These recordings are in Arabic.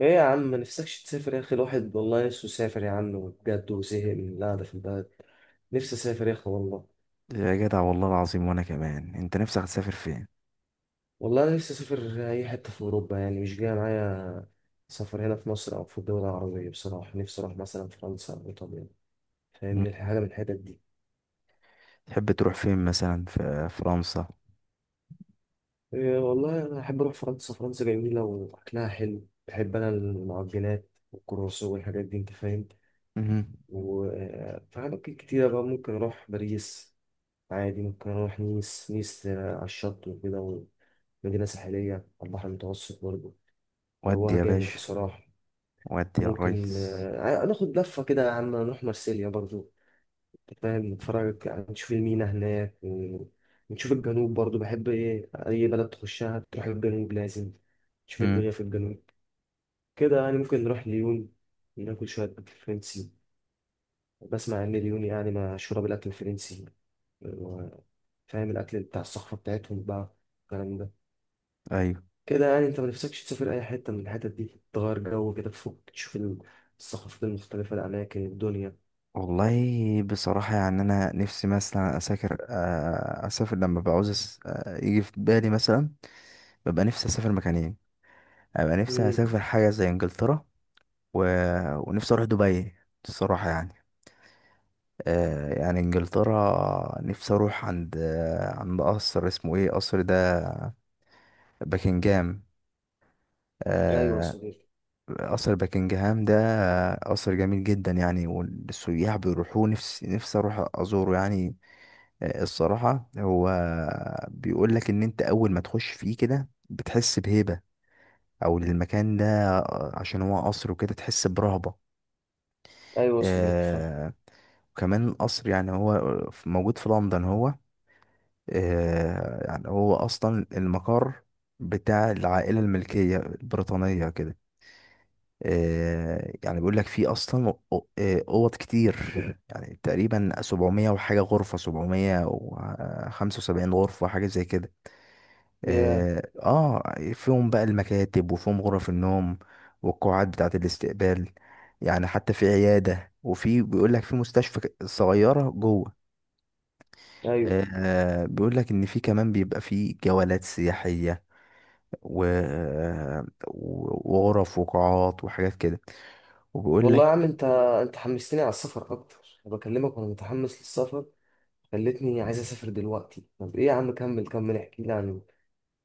ايه يا عم، ما نفسكش تسافر يا اخي؟ الواحد والله نفسه يسافر يا عم بجد، وزهق من القعده في البلد. نفسي اسافر يا اخي والله. يا جدع، والله العظيم وانا كمان. انت نفسك تسافر فين؟ والله انا نفسي اسافر اي حته في اوروبا، يعني مش جاي معايا سفر هنا في مصر او في الدول العربيه. بصراحه نفسي اروح مثلا فرنسا او ايطاليا. مم. فاهمني؟ حاجه من الحتت دي. تحب تروح فين مثلا في فرنسا؟ إيه والله، انا احب اروح فرنسا. فرنسا جميله واكلها حلو. بحب انا المعجنات والكرواسون والحاجات دي، انت فاهم. مم. وفي اماكن كتيره بقى ممكن اروح. باريس عادي، ممكن أروح نيس. نيس على الشط وكده، ومدينة ساحلية على البحر المتوسط برضه. ودي جواها يا جامد باشا. بصراحة. ودي يا ممكن ريس. ناخد لفة كده يا عم، نروح مارسيليا برضه. أنت فاهم؟ نتفرج يعني، نشوف المينا هناك ونشوف الجنوب برضه. بحب إيه؟ أي بلد تخشها تروح الجنوب لازم. تشوف مم. الدنيا في الجنوب كده، يعني ممكن نروح ليون. ناكل شوية أكل فرنسي. بسمع إن ليون يعني مشهورة بالأكل الفرنسي و- فاهم الأكل بتاع الصخرة بتاعتهم بقى، الكلام ده. ايوه، كده يعني انت ما نفسكش تسافر اي حته من الحتت دي، تغير جو كده، تفوق تشوف الثقافات المختلفه، الاماكن، الدنيا. والله بصراحة يعني انا نفسي مثلا اسافر لما بعوز. يجي في بالي مثلا ببقى نفسي اسافر مكانين. ابقى نفسي امم. اسافر حاجة زي انجلترا و... ونفسي اروح دبي، الصراحة يعني. يعني انجلترا، نفسي اروح عند، عند قصر اسمه ايه، قصر ده؟ باكنجهام. ايوه يا آه، صديقي. قصر باكنجهام ده، قصر جميل جدا يعني، والسياح بيروحوه. نفسي نفسي اروح ازوره يعني. الصراحة هو بيقول لك ان انت اول ما تخش فيه كده بتحس بهيبة، او المكان ده، عشان هو قصر وكده تحس برهبة. ايوه يا صديقي، فاهم. آه، وكمان قصر يعني هو موجود في لندن. هو يعني هو اصلا المقر بتاع العائلة الملكية البريطانية كده. يعني بيقول لك في اصلا، اوض كتير. يعني تقريبا 700 وحاجه غرفه، 775 غرفه حاجه زي كده. يا. فيهم بقى المكاتب وفيهم غرف النوم والقاعات بتاعه الاستقبال. يعني حتى في عياده، وفي بيقول لك في مستشفى صغيره جوه. ايوه بيقول لك ان في كمان بيبقى في جولات سياحيه و... وغرف وقاعات وحاجات كده. وبيقول والله يا عم. انت انت حمستني على السفر اكتر، انا بكلمك وانا متحمس للسفر. خلتني لك، عايز اسافر دلوقتي. طب ايه يا عم، كمل كمل احكي لي عن.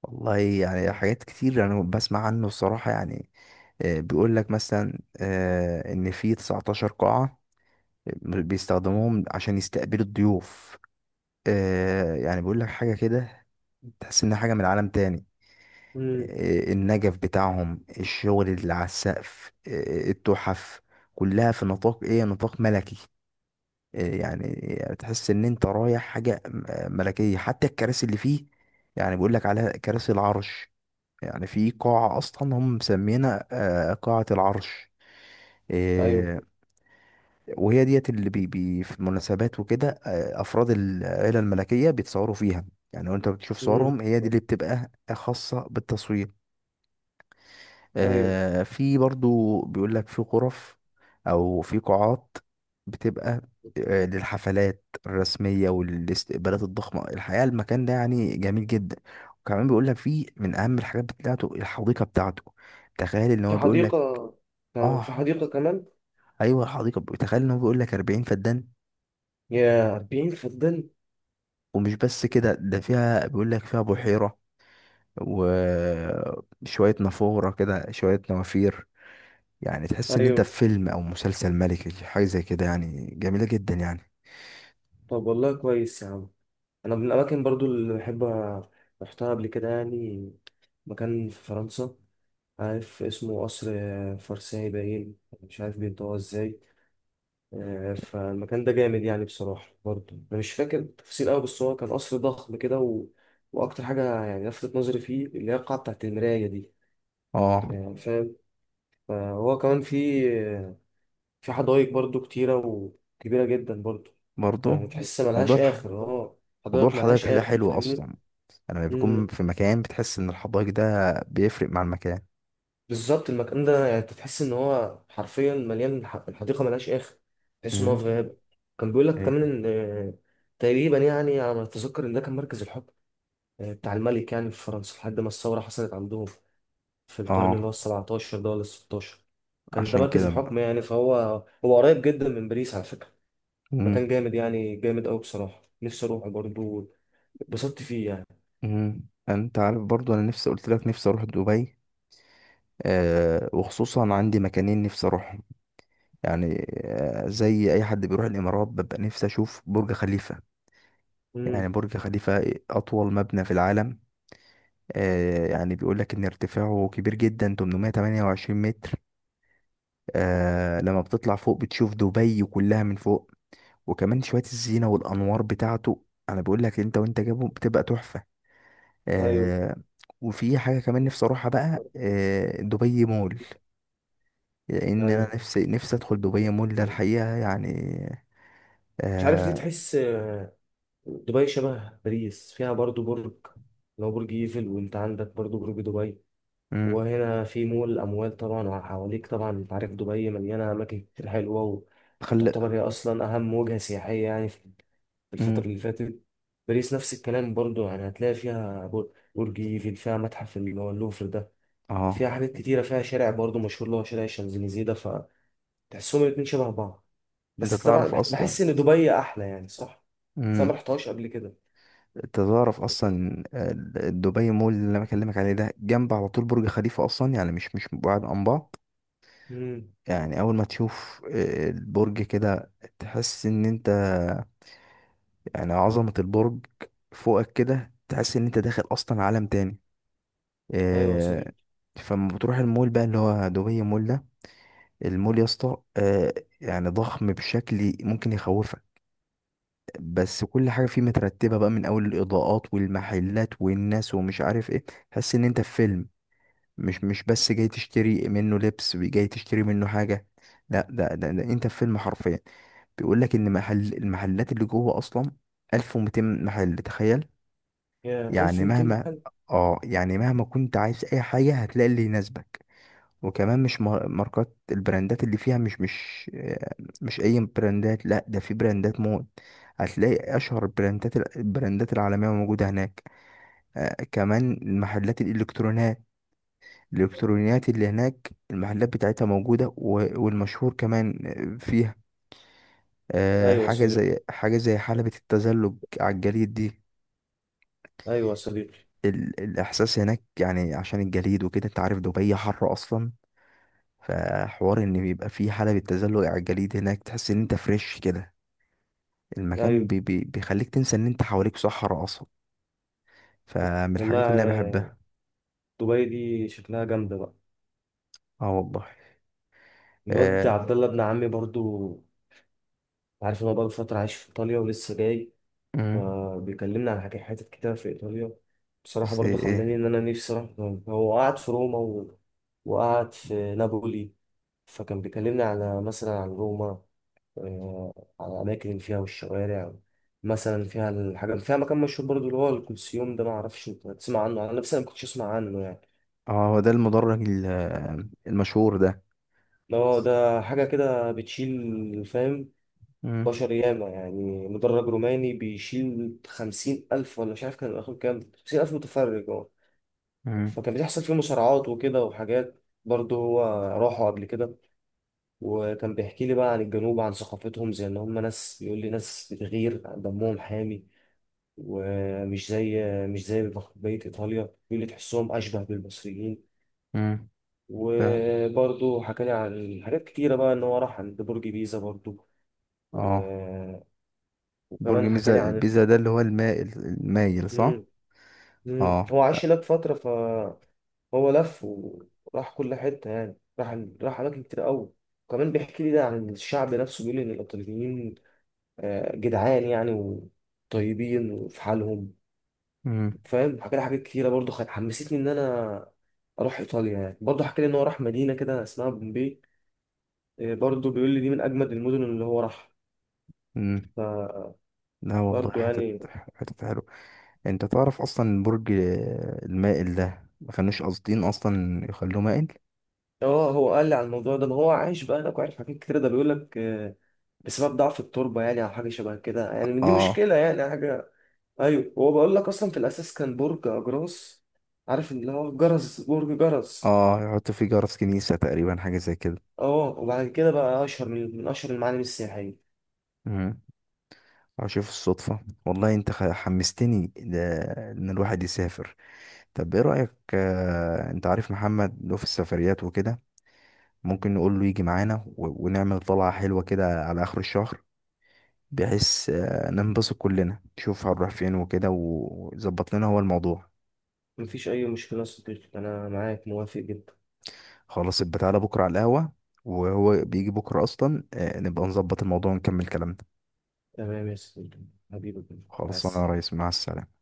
والله يعني حاجات كتير يعني بسمع عنه، الصراحة يعني. بيقول لك مثلا، ان في 19 قاعة بيستخدموهم عشان يستقبلوا الضيوف. يعني بيقول لك حاجة كده تحس انها حاجة من عالم تاني. امم. النجف بتاعهم، الشغل اللي على السقف، التحف، كلها في نطاق ايه، نطاق ملكي. يعني تحس ان انت رايح حاجة ملكية. حتى الكراسي اللي فيه يعني بيقول لك عليها كراسي العرش. يعني في قاعة أصلا هم مسمينها قاعة العرش. ايوه. آه، وهي ديت اللي بي بي في المناسبات وكده، أفراد العيلة الملكية بيتصوروا فيها يعني. وأنت بتشوف امم. صورهم، هي دي اللي بتبقى خاصة بالتصوير. ايوه. في برضو بيقول لك في غرف أو في قاعات بتبقى للحفلات الرسمية والاستقبالات الضخمة. الحقيقة المكان ده يعني جميل جدا. وكمان بيقول لك فيه من أهم الحاجات بتاعته الحديقة بتاعته. تخيل ان في هو بيقول. حديقه؟ كان في اه، حديقه كمان؟ ايوه، الحديقه تخيل ان هو بيقول لك 40 فدان. يا 40 فدان. ومش بس كده، ده فيها بيقول لك فيها بحيره وشويه نافوره كده، شويه نوافير. يعني تحس ان انت ايوه. في فيلم او مسلسل ملكي، حاجه زي كده يعني، جميله جدا يعني. طب والله كويس يا عم. انا من الاماكن برضو اللي بحب، رحتها قبل كده يعني، مكان في فرنسا، عارف اسمه قصر فرساي باين، مش عارف بينطقوها ازاي. فالمكان ده جامد يعني بصراحة. برضو انا مش فاكر التفاصيل قوي، بس هو كان قصر ضخم كده و... واكتر حاجة يعني لفتت نظري فيه، اللي هي القاعة بتاعت المراية دي، اه، يعني فاهم. فهو كمان في، في حدائق برضو كتيرة وكبيرة جدا برضو. يعني برضه. تحس موضوع ملهاش الح... اخر، اه. موضوع حدائق ملهاش الحدائق ده اخر، حلو فاهمني؟ اصلا. لما بيكون في مكان، بتحس ان الحدائق ده بيفرق مع المكان. بالظبط، المكان ده يعني انت تحس ان هو حرفيا مليان، الحديقه ملهاش اخر، تحس ان هو امم. في غابه. كان بيقول لك كمان ايه. ان تقريبا يعني، على ما اتذكر، ان ده كان مركز الحكم، بتاع الملك يعني، في فرنسا، لحد ما الثوره حصلت عندهم، في القرن اللي هو ال اه، 17 ده ولا ال 16. كان ده عشان مركز كده بقى. الحكم يعني، فهو هو قريب جدا من باريس على فكره. امم. مكان جامد يعني، جامد قوي بصراحه، نفسي اروح برضه، اتبسطت فيه يعني. انت عارف برضو، انا نفسي قلت لك نفسي اروح دبي. وخصوصا عندي مكانين نفسي اروحهم. يعني زي اي حد بيروح الامارات، ببقى نفسي اشوف برج خليفة. امم. يعني برج خليفة اطول مبنى في العالم. يعني بيقول لك ان ارتفاعه كبير جدا، 828 متر. لما بتطلع فوق بتشوف دبي كلها من فوق. وكمان شوية الزينة والانوار بتاعته، انا بقول لك انت وانت جابه بتبقى تحفة. ايوه. آه، وفي حاجة كمان نفسي اروحها بقى، دبي مول. لان انا ايوه. نفسي نفسي ادخل دبي مول ده الحقيقه يعني. مش عارف ليه، آه. تحس دبي شبه باريس. فيها برضو برج، لو برج ايفل، وانت عندك برضو برج دبي. امم. وهنا في مول الأموال طبعا، وحواليك طبعا انت عارف دبي مليانة أماكن كتير حلوة، خل وتعتبر هي أصلا أهم وجهة سياحية يعني في، في الفترة امم. اللي فاتت. باريس نفس الكلام برضو، يعني هتلاقي فيها برج ايفل، فيها متحف اللي هو اللوفر ده، اه. فيها حاجات كتيرة، فيها شارع برضو مشهور اللي هو شارع الشانزليزيه ده. فتحسهم الاتنين شبه بعض، انت بس طبعا تعرف بح- اصلا. بحس إن دبي أحلى، يعني صح؟ بس أنا امم. مرحتهاش قبل انت تعرف كده. اصلا دبي مول اللي انا بكلمك عليه ده جنب على طول برج خليفه اصلا، يعني مش بعاد عن بعض. مم. يعني اول ما تشوف البرج كده، تحس ان انت، يعني عظمه البرج فوقك كده، تحس ان انت داخل اصلا عالم تاني. ايوه يا آه، صديقي. فلما بتروح المول بقى، اللي هو دبي مول ده، المول يا اسطى، يعني ضخم بشكل ممكن يخوفك. بس كل حاجه فيه مترتبه بقى، من اول الاضاءات والمحلات والناس ومش عارف ايه، تحس ان انت في فيلم. مش بس جاي تشتري منه لبس، جاي تشتري منه حاجه، لا ده انت في فيلم حرفيا. بيقول لك ان المحلات اللي جوه اصلا 1200 محل، تخيل. يا يعني 1200 مهما محل. اه يعني مهما كنت عايز اي حاجه، هتلاقي اللي يناسبك. وكمان مش ماركات، البراندات اللي فيها مش اي براندات، لا، ده في براندات موت. هتلاقي اشهر البراندات العالميه موجوده هناك. كمان محلات الالكترونيات، الالكترونيات اللي هناك المحلات بتاعتها موجوده، والمشهور كمان فيها ايوه يا حاجه صديقي. زي حاجه زي حلبة التزلج على الجليد دي. ايوه يا صديقي. الاحساس هناك يعني عشان الجليد وكده، انت عارف دبي حر اصلا، فحوار ان بيبقى فيه حالة بالتزلج على الجليد هناك، تحس ان انت فريش كده. المكان ايوه بي بي بيخليك تنسى ان انت حواليك صحراء اصلا. فمن والله الحاجات اللي انا بحبها. دبي دي شكلها جامده بقى. اه، والله. الواد آه. عبد الله ابن عمي برضو، عارف ان هو بقى فتره عايش في ايطاليا ولسه جاي، مم. فبيكلمنا عن حاجات، حتت كتير في ايطاليا. بصراحه بس برضو خلاني ايه. ان انا نفسي اروح. هو قعد في روما و... وقعد في نابولي. فكان بيكلمني على مثلا، عن روما، آه، على الأماكن فيها والشوارع. مثلا فيها الحاجة، فيها مكان مشهور برضو اللي هو الكلسيوم ده، معرفش انت تسمع عنه، أنا نفسي ما كنتش أسمع عنه يعني. اه، هو ده المدرج المشهور ده. اللي هو ده حاجة كده بتشيل، فاهم؟ مم. بشر ياما، يعني مدرج روماني بيشيل 50,000، ولا مش عارف كان الآخر كام، 50,000 متفرج، اه. مم. فكان بيحصل فيه مصارعات وكده وحاجات برضه. هو راحوا قبل كده، وكان بيحكي لي بقى عن الجنوب، عن ثقافتهم، زي ان هم ناس، بيقول لي ناس بتغير، دمهم حامي، ومش زي، مش زي بقية إيطاليا اللي تحسهم أشبه بالمصريين. مم. ف... وبرضه حكالي عن حاجات كتيرة بقى، إن هو راح عند برج بيزا برضه و... اه، برج وكمان حكالي بيزا، عن. بيزا ده اللي هو المائل، المايل، صح؟ مم. اه، هو عاش لا. هناك فترة، فهو لف وراح كل حتة، يعني راح أماكن كتير أوي. وكمان بيحكي لي ده عن الشعب نفسه، بيقول لي إن الإيطاليين جدعان يعني، وطيبين، وفي حالهم، مم. فاهم. حكى لي حاجات كتيرة برضه، حمستني إن أنا أروح إيطاليا يعني. برضه حكى لي إن هو راح مدينة كده اسمها بومبي، إيه، برضه بيقول لي دي من أجمد المدن اللي هو راحها، امم. فبرضه لا والله، حتت يعني. حتت حلوة. انت تعرف اصلا برج المائل ده ما كانوش قاصدين اصلا يخلوه مائل. آه، هو قال لي على الموضوع ده، ما هو عايش بقى هناك وعارف حاجات كتيرة. ده بيقول لك بسبب ضعف التربة يعني، أو حاجة شبه كده يعني، دي اه. مشكلة يعني حاجة. أيوه، هو بقول لك أصلا في الأساس كان برج أجراس، عارف اللي هو جرس، برج جرس. اه، يحط فيه جرس كنيسة تقريبا، حاجة زي كده. اه، وبعد كده بقى أشهر من أشهر المعالم السياحية. امم. اشوف الصدفة. والله انت حمستني ان الواحد يسافر. طب ايه رأيك، انت عارف محمد له في السفريات وكده، ممكن نقول له يجي معانا، ونعمل طلعة حلوة كده على اخر الشهر، بحيث ننبسط كلنا نشوف هنروح فين وكده، ويظبط لنا هو الموضوع. مفيش أي مشكلة يا صديقي، أنا معاك موافق جدا. خلاص يبقى تعالى بكرة على القهوة، وهو بيجي بكرة أصلا، نبقى نظبط الموضوع ونكمل كلامنا. تمام يا صديقي، حبيبي. مع خلاص أنا يا ريس، السلامة. مع السلامة.